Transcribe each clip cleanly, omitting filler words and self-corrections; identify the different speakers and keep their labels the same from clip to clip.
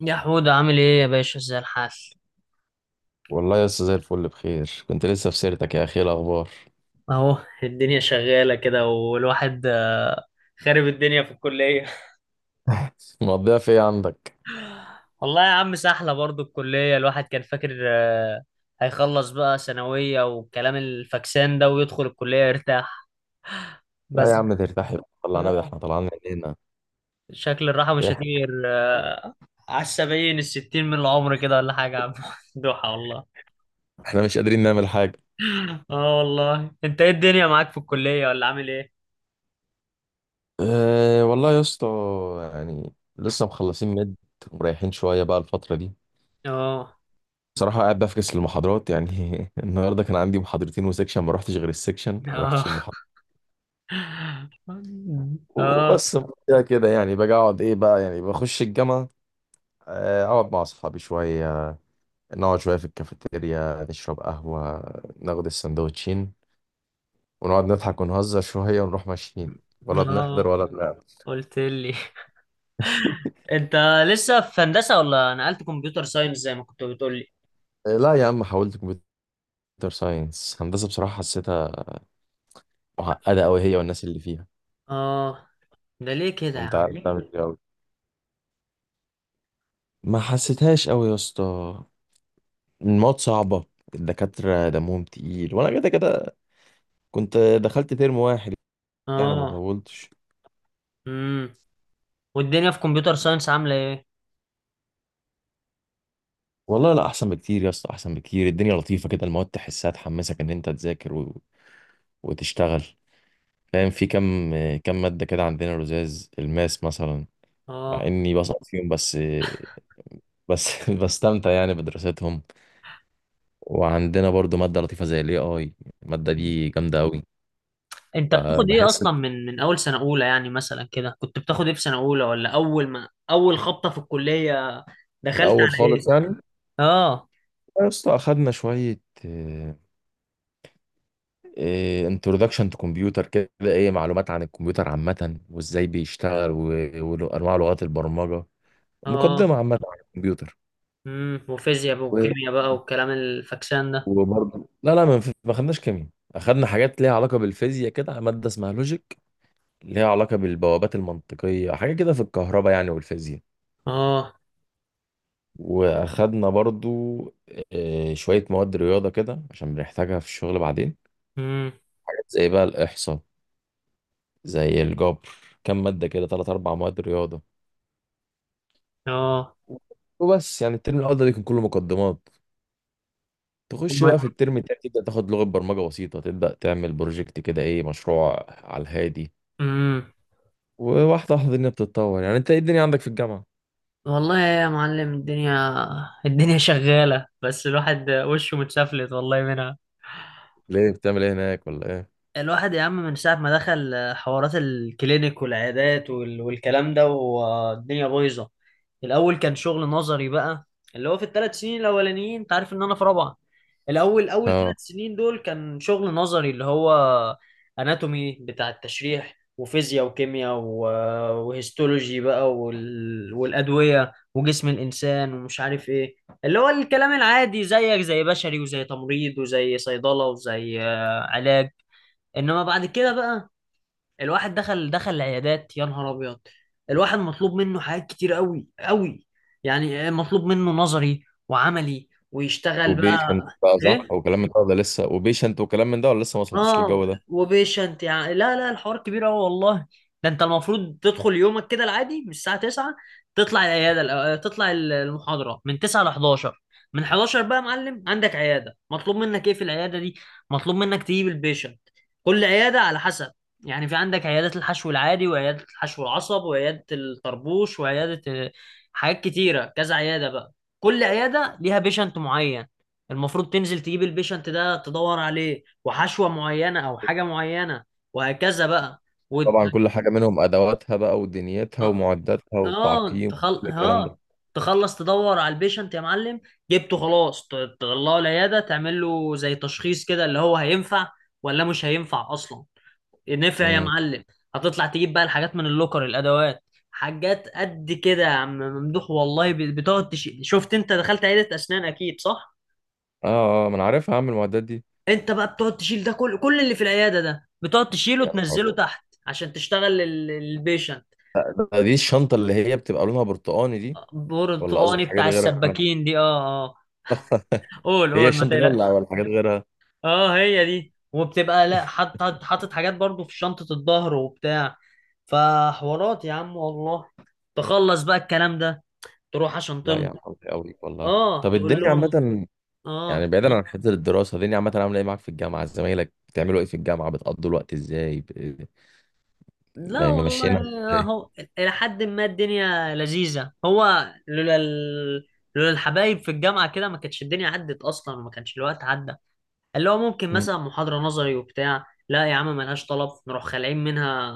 Speaker 1: يا حود، عامل ايه يا باشا؟ ازاي الحال؟
Speaker 2: والله يا أستاذ زي الفل بخير. كنت لسه في سيرتك يا اخي، إيه الاخبار؟
Speaker 1: اهو، الدنيا شغالة كده والواحد خارب الدنيا في الكلية.
Speaker 2: مقضيها في ايه عندك؟
Speaker 1: والله يا عم سحلة برضو الكلية. الواحد كان فاكر هيخلص بقى ثانوية والكلام الفاكسان ده ويدخل الكلية يرتاح،
Speaker 2: لا
Speaker 1: بس
Speaker 2: يا عم ترتاح يا عم، طلعنا ده
Speaker 1: آه،
Speaker 2: احنا طلعنا من هنا.
Speaker 1: شكل الراحة مش
Speaker 2: إيه،
Speaker 1: هتيجي غير على السبعين الستين من العمر كده ولا حاجة يا عم. دوحة والله.
Speaker 2: احنا مش قادرين نعمل حاجه.
Speaker 1: اه، والله انت ايه الدنيا معاك في الكلية ولا عامل ايه؟
Speaker 2: أه والله يا اسطى، يعني لسه مخلصين مد ومريحين شويه بقى الفتره دي.
Speaker 1: اه.
Speaker 2: بصراحه قاعد بفكس للمحاضرات يعني. النهارده كان عندي محاضرتين وسكشن، ما رحتش غير السكشن، ما
Speaker 1: اه
Speaker 2: رحتش المحاضره
Speaker 1: اه
Speaker 2: وبس. كده كده يعني باجي اقعد ايه بقى، يعني بخش الجامعه، اقعد مع اصحابي شويه، نقعد شوية في الكافيتيريا نشرب قهوة، ناخد السندوتشين ونقعد نضحك ونهزر شوية ونروح ماشيين، ولا بنحضر
Speaker 1: اه.
Speaker 2: ولا بنعمل.
Speaker 1: قلت لي. انت لسه في هندسة ولا نقلت كمبيوتر ساينس زي ما كنت بتقول لي؟
Speaker 2: لا يا عم، حاولت كمبيوتر ساينس. هندسة بصراحة حسيتها معقدة أوي، هي والناس اللي فيها.
Speaker 1: اه. ده ليه كده يا
Speaker 2: وأنت
Speaker 1: عم؟
Speaker 2: عارف تعمل إيه أوي، ما حسيتهاش أوي يا اسطى. المواد صعبة، الدكاترة دمهم تقيل، وأنا كده كده كنت دخلت ترم واحد يعني، ما
Speaker 1: اه.
Speaker 2: طولتش.
Speaker 1: امم. والدنيا في كمبيوتر ساينس عاملة ايه؟
Speaker 2: والله لا، أحسن بكتير يا اسطى، أحسن بكتير. الدنيا لطيفة كده، المواد تحسها تحمسك إن أنت تذاكر وتشتغل، فاهم. في كم مادة كده عندنا لزاز الماس مثلا، مع
Speaker 1: اه.
Speaker 2: اني بصعب فيهم، بس بستمتع يعني بدراستهم. وعندنا برضو مادة لطيفة زي الاي اي، المادة دي جامدة قوي.
Speaker 1: انت بتاخد ايه
Speaker 2: بحس إن
Speaker 1: اصلا من اول سنة اولى؟ يعني مثلا كده كنت بتاخد ايه في سنة اولى ولا اول ما خبطة في الكلية
Speaker 2: في
Speaker 1: دخلت
Speaker 2: الاول
Speaker 1: على ايه؟
Speaker 2: خالص يعني
Speaker 1: اه.
Speaker 2: يا اسطى، اخدنا شوية انترودكشن تو كمبيوتر كده، ايه معلومات عن الكمبيوتر عامة وازاي بيشتغل وانواع لغات البرمجة، مقدمة
Speaker 1: اه.
Speaker 2: عامة عن الكمبيوتر.
Speaker 1: امم. وفيزياء بقى وكيمياء بقى والكلام الفكسان ده.
Speaker 2: وبرضه لا لا ما خدناش كيمياء. اخدنا حاجات ليها علاقه بالفيزياء كده، ماده اسمها لوجيك، ليها علاقه بالبوابات المنطقيه، حاجه كده في الكهرباء يعني والفيزياء.
Speaker 1: اه.
Speaker 2: واخدنا برضو شويه مواد رياضه كده عشان بنحتاجها في الشغل بعدين،
Speaker 1: امم.
Speaker 2: حاجات زي بقى الاحصاء، زي الجبر، كام ماده كده، ثلاث اربع مواد رياضه
Speaker 1: اه.
Speaker 2: وبس. يعني الترم الاول ده بيكون كله مقدمات. تخش بقى في الترم التاني تبدا تاخد لغه برمجه بسيطه، تبدا تعمل بروجكت كده، ايه مشروع على الهادي،
Speaker 1: امم.
Speaker 2: وواحدة واحدة الدنيا بتتطور. يعني انت، ايه الدنيا عندك في الجامعة؟
Speaker 1: والله يا معلم، الدنيا شغالة، بس الواحد وشه متسفلت والله منها.
Speaker 2: ليه بتعمل ايه هناك، ولا ايه؟
Speaker 1: الواحد يا عم من ساعة ما دخل حوارات الكلينيك والعيادات والكلام ده، والدنيا بايظة. الأول كان شغل نظري بقى، اللي هو في الثلاث سنين الأولانيين. أنت عارف إن أنا في رابعة. الأول، أول
Speaker 2: اه،
Speaker 1: ثلاث سنين دول كان شغل نظري، اللي هو أناتومي بتاع التشريح وفيزياء وهيستولوجي بقى والأدوية وجسم الإنسان ومش عارف إيه، اللي هو الكلام العادي زيك، زي بشري وزي تمريض وزي صيدلة وزي علاج. انما بعد كده بقى الواحد دخل العيادات، يا نهار ابيض. الواحد مطلوب منه حاجات كتير قوي قوي. يعني إيه مطلوب منه؟ نظري وعملي ويشتغل بقى.
Speaker 2: وبيشنت بقى صح،
Speaker 1: ايه.
Speaker 2: وكلام من ده ولا لسه؟ وبيشنت وكلام من ده ولا لسه ما وصلتوش
Speaker 1: اه،
Speaker 2: للجو ده؟
Speaker 1: وبيشنت يعني. لا لا، الحوار كبير قوي والله. ده انت المفروض تدخل يومك كده العادي من الساعه 9، تطلع العياده. تطلع المحاضره من 9 ل 11. من 11 بقى يا معلم عندك عياده، مطلوب منك ايه في العياده دي؟ مطلوب منك تجيب البيشنت. كل عياده على حسب، يعني في عندك عيادات الحشو العادي وعياده الحشو العصب وعياده الطربوش وعياده حاجات كتيره، كذا عياده بقى. كل عياده ليها بيشنت معين، المفروض تنزل تجيب البيشنت ده، تدور عليه، وحشوة معينة أو حاجة معينة، وهكذا بقى. وت...
Speaker 2: طبعا كل حاجة منهم أدواتها بقى ودنيتها
Speaker 1: آه
Speaker 2: ومعداتها
Speaker 1: آه،
Speaker 2: والتعقيم
Speaker 1: تخل...
Speaker 2: وكل الكلام ده.
Speaker 1: آه تخلص تدور على البيشنت يا معلم، جبته خلاص. تطلعه العيادة، تعمل له زي تشخيص كده، اللي هو هينفع ولا مش هينفع أصلا. نفع يا
Speaker 2: امم.
Speaker 1: معلم. هتطلع تجيب بقى الحاجات من اللوكر، الأدوات، حاجات قد كده يا عم ممدوح والله. شفت أنت دخلت عيادة أسنان أكيد صح؟
Speaker 2: اه اه، ما انا عارفها، اعمل المعدات دي.
Speaker 1: انت بقى بتقعد تشيل ده، كل اللي في العياده ده بتقعد تشيله
Speaker 2: يا نهار
Speaker 1: وتنزله
Speaker 2: أبيض.
Speaker 1: تحت عشان تشتغل البيشنت.
Speaker 2: دي الشنطة اللي هي بتبقى لونها برتقاني دي، ولا قصدك
Speaker 1: برتقاني
Speaker 2: حاجات
Speaker 1: بتاع
Speaker 2: غيرها؟
Speaker 1: السباكين دي، اه اه. قول
Speaker 2: هي
Speaker 1: قول، ما
Speaker 2: الشنطة دي ولا
Speaker 1: تقلقش.
Speaker 2: ولا حاجات غيرها؟
Speaker 1: اه هي دي، وبتبقى، لا، حاطط حاطط حاطط حاجات برضو في شنطه الظهر وبتاع. فحوارات يا عم والله. تخلص بقى الكلام ده، تروح عشان
Speaker 2: لا يا عم،
Speaker 1: تمضي.
Speaker 2: حظي قوي والله.
Speaker 1: اه.
Speaker 2: طب
Speaker 1: تقول
Speaker 2: الدنيا
Speaker 1: لهم
Speaker 2: عامة، يعني
Speaker 1: اه.
Speaker 2: بعيدا عن حته الدراسه دي، عامه عامله ايه معاك في الجامعه؟ زمايلك بتعملوا ايه في الجامعه؟ بتقضوا الوقت ازاي
Speaker 1: لا
Speaker 2: ممشينا
Speaker 1: والله،
Speaker 2: ازاي؟
Speaker 1: هو إلى حد ما الدنيا لذيذة. هو لولا الحبايب في الجامعة كده، ما كانتش الدنيا عدت أصلا وما كانش الوقت عدى. اللي هو ممكن
Speaker 2: مم.
Speaker 1: مثلا محاضرة نظري وبتاع، لا يا عم ملهاش طلب، نروح خالعين منها،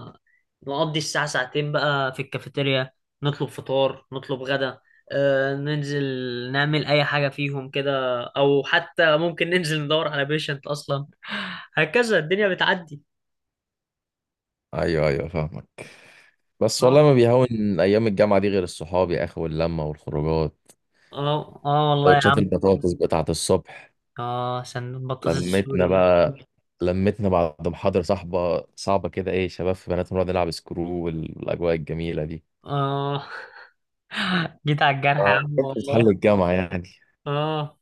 Speaker 1: نقضي الساعة ساعتين بقى في الكافيتيريا، نطلب فطار، نطلب غدا، آه ننزل، نعمل أي حاجة فيهم كده، أو حتى ممكن ننزل ندور على بيشنت أصلا. هكذا الدنيا بتعدي.
Speaker 2: ايوه ايوه فاهمك. بس والله
Speaker 1: اه
Speaker 2: ما بيهون ايام الجامعه دي غير الصحاب يا اخي، واللمه والخروجات،
Speaker 1: اه. آه والله.
Speaker 2: سندوتشات البطاطس بتاعه الصبح،
Speaker 1: اه، سندوتش بطاطس السوري
Speaker 2: لمتنا
Speaker 1: دي.
Speaker 2: بقى، لمتنا بعد محاضره صاحبه صعبه كده، ايه شباب في بنات نقعد نلعب سكرو، والاجواء الجميله دي.
Speaker 1: اه. جيت على الجرح يا
Speaker 2: اه،
Speaker 1: عم
Speaker 2: بتحل
Speaker 1: والله.
Speaker 2: الجامعه يعني.
Speaker 1: اه.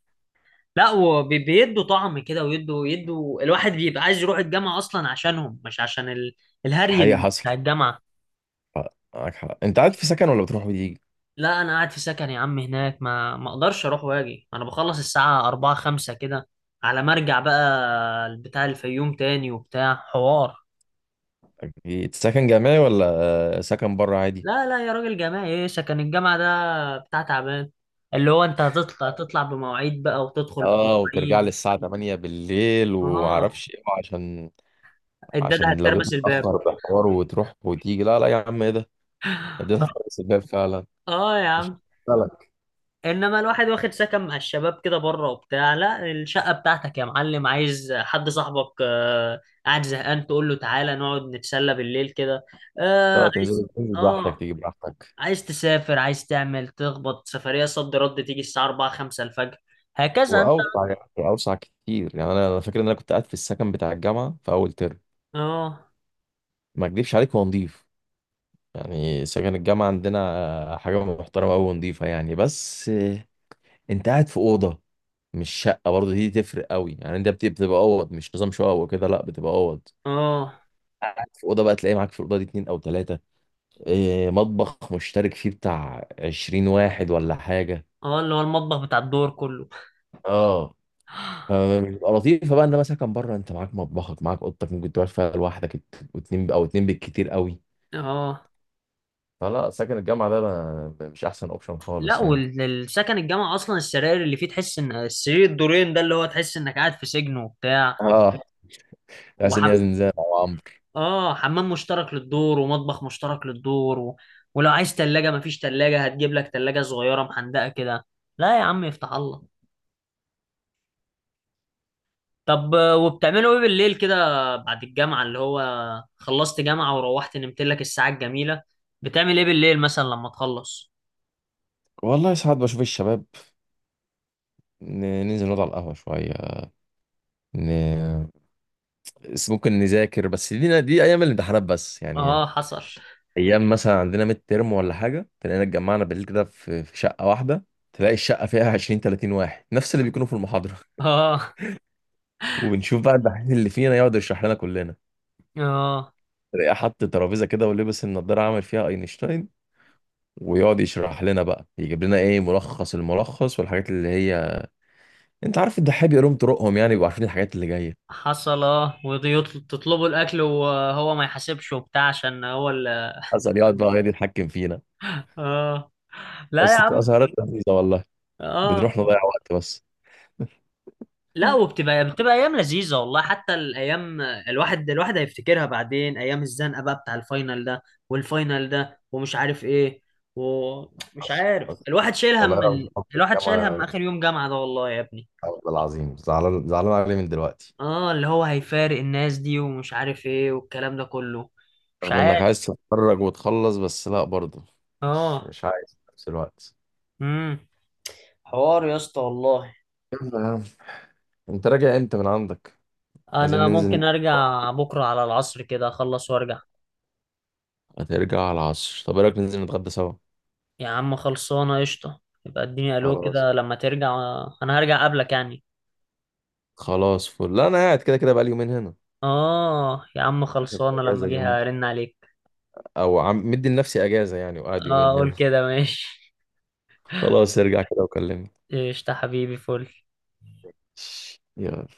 Speaker 1: لا، وبيدوا طعم كده، ويدوا الواحد بيبقى عايز يروح الجامعة أصلا عشانهم، مش عشان الهري
Speaker 2: حقيقه حصل
Speaker 1: بتاع الجامعة.
Speaker 2: معاك حق. انت قاعد في سكن ولا بتروح وتيجي؟
Speaker 1: لا أنا قاعد في سكن يا عم هناك، ما أقدرش أروح وأجي. أنا بخلص الساعة أربعة خمسة كده، على ما أرجع بقى بتاع الفيوم تاني وبتاع حوار.
Speaker 2: أكيد سكن جامعي ولا سكن بره عادي؟
Speaker 1: لا لا يا راجل، جامعي ايه؟ سكن الجامعة ده بتاع تعبان، اللي هو انت هتطلع بمواعيد بقى وتدخل
Speaker 2: اه، وترجع لي
Speaker 1: بمواعيد.
Speaker 2: الساعة 8 بالليل
Speaker 1: اه،
Speaker 2: ومعرفش ايه، عشان
Speaker 1: الداده
Speaker 2: عشان لو جيت
Speaker 1: هتتربس الباب.
Speaker 2: متأخر بحوار وتروح وتيجي، لا لا يا عم، ايه ده، ده
Speaker 1: اه
Speaker 2: هتحبس الباب فعلا.
Speaker 1: آه يا
Speaker 2: مش
Speaker 1: عم.
Speaker 2: فعلا.
Speaker 1: انما الواحد واخد سكن مع الشباب كده بره وبتاع، لا، الشقة بتاعتك يا معلم، عايز حد صاحبك آه قاعد زهقان، تقول له تعالى نقعد نتسلى بالليل كده، آه
Speaker 2: لا،
Speaker 1: عايز.
Speaker 2: تنزل تنزل براحتك،
Speaker 1: اه،
Speaker 2: تيجي براحتك،
Speaker 1: عايز تسافر، عايز تعمل تخبط سفرية صد رد، تيجي الساعة 4 5 الفجر، هكذا انت.
Speaker 2: واوسع يعني، اوسع كتير يعني. أنا فاكر ان انا كنت قاعد في السكن بتاع الجامعة في اول ترم،
Speaker 1: اه.
Speaker 2: ما اكدبش عليك هو نضيف، يعني سكن الجامعة عندنا حاجة محترمة أوي ونضيفة يعني. بس انت قاعد في أوضة، مش شقه، برضه دي تفرق قوي يعني. انت بتبقى اوض، مش نظام شقه وكده، لا بتبقى اوض.
Speaker 1: اه.
Speaker 2: قاعد في اوضه بقى، تلاقي معاك في الاوضه دي اتنين او تلاته، إيه مطبخ مشترك فيه بتاع 20 واحد ولا حاجه.
Speaker 1: اه، اللي هو المطبخ بتاع الدور كله.
Speaker 2: اه، فبتبقى لطيفه بقى. انما مثلا كان بره، انت معاك مطبخك، معاك اوضتك، ممكن تقعد فيها لوحدك، واتنين او اتنين بالكتير قوي.
Speaker 1: اه.
Speaker 2: فلا، سكن الجامعه ده مش احسن اوبشن
Speaker 1: لا،
Speaker 2: خالص يعني.
Speaker 1: والسكن الجامعة اصلا السراير اللي فيه، تحس ان السرير الدورين ده اللي هو، تحس انك قاعد في سجن وبتاع.
Speaker 2: اه، حاسس ان هي
Speaker 1: وحم
Speaker 2: زنزانه او عمرو.
Speaker 1: اه، حمام مشترك للدور ومطبخ مشترك للدور، ولو عايز تلاجة مفيش تلاجة، هتجيب لك تلاجة صغيرة محندقة كده. لا يا عم يفتح الله. طب وبتعملوا ايه بالليل كده؟ بعد الجامعة، اللي هو خلصت جامعة وروحت نمت لك الساعة الجميلة، بتعمل ايه بالليل مثلا لما تخلص؟
Speaker 2: والله ساعات بشوف الشباب، ننزل نقعد على القهوه شويه، ن... بس ممكن نذاكر بس، دينا دي ايام الامتحانات بس يعني.
Speaker 1: اه، حصل.
Speaker 2: ايام مثلا عندنا ميد ترم ولا حاجه، تلاقينا اتجمعنا بالليل كده في شقه واحده، تلاقي الشقه فيها 20 30 واحد، نفس اللي بيكونوا في المحاضره.
Speaker 1: اه.
Speaker 2: وبنشوف بقى الدحيح اللي فينا يقعد يشرح لنا كلنا،
Speaker 1: اه،
Speaker 2: تلاقيه حط ترابيزه كده ولبس النضاره عامل فيها اينشتاين، ويقعد يشرح لنا بقى، يجيب لنا ايه ملخص الملخص والحاجات اللي هي انت عارف، الدحيح بيقولهم طرقهم يعني، بيبقوا عارفين الحاجات اللي جايه.
Speaker 1: حصل. اه وتطلبوا الاكل وهو ما يحاسبش وبتاع عشان هو ال.
Speaker 2: حصل، يقعد بقى يقعد يتحكم فينا.
Speaker 1: اه. لا يا
Speaker 2: بس بتبقى
Speaker 1: عم.
Speaker 2: سهرات لذيذه والله،
Speaker 1: اه.
Speaker 2: بنروح نضيع وقت بس.
Speaker 1: لا وبتبقى، بتبقى ايام لذيذه والله. حتى الايام، الواحد هيفتكرها بعدين، ايام الزنقه بقى بتاع الفاينل ده، والفاينل ده ومش عارف ايه، ومش عارف
Speaker 2: بس
Speaker 1: الواحد شايل
Speaker 2: والله، رغم حب
Speaker 1: الواحد شايل هم
Speaker 2: الجامعة
Speaker 1: اخر يوم جامعه ده والله يا ابني.
Speaker 2: العظيم، زعلان زعلان عليه من دلوقتي،
Speaker 1: اه، اللي هو هيفارق الناس دي ومش عارف ايه والكلام ده كله. مش
Speaker 2: رغم انك
Speaker 1: عارف.
Speaker 2: عايز تتخرج وتخلص، بس لا برضه، مش
Speaker 1: اه.
Speaker 2: مش عايز في نفس الوقت.
Speaker 1: امم. حوار يا اسطى والله.
Speaker 2: يلا يا عم، انت راجع امتى من عندك؟ عايزين
Speaker 1: انا
Speaker 2: ننزل.
Speaker 1: ممكن ارجع بكره على العصر كده، اخلص وارجع.
Speaker 2: هترجع على العصر، طب ايه رايك ننزل نتغدى سوا؟
Speaker 1: يا عم خلصانه، قشطه. يبقى اديني الو
Speaker 2: خلاص.
Speaker 1: كده لما ترجع. انا هرجع قبلك يعني.
Speaker 2: خلاص فل، لا انا قاعد كده كده بقالي يومين هنا،
Speaker 1: اه يا عم،
Speaker 2: اخد
Speaker 1: خلصانه، لما
Speaker 2: اجازه
Speaker 1: اجي
Speaker 2: اليومين،
Speaker 1: هرن عليك.
Speaker 2: او عم مدي لنفسي اجازه يعني، وقاعد
Speaker 1: اه
Speaker 2: يومين
Speaker 1: قول
Speaker 2: هنا.
Speaker 1: كده، ماشي.
Speaker 2: خلاص، ارجع كده وكلمني.
Speaker 1: قشطه حبيبي، فل.
Speaker 2: يلا.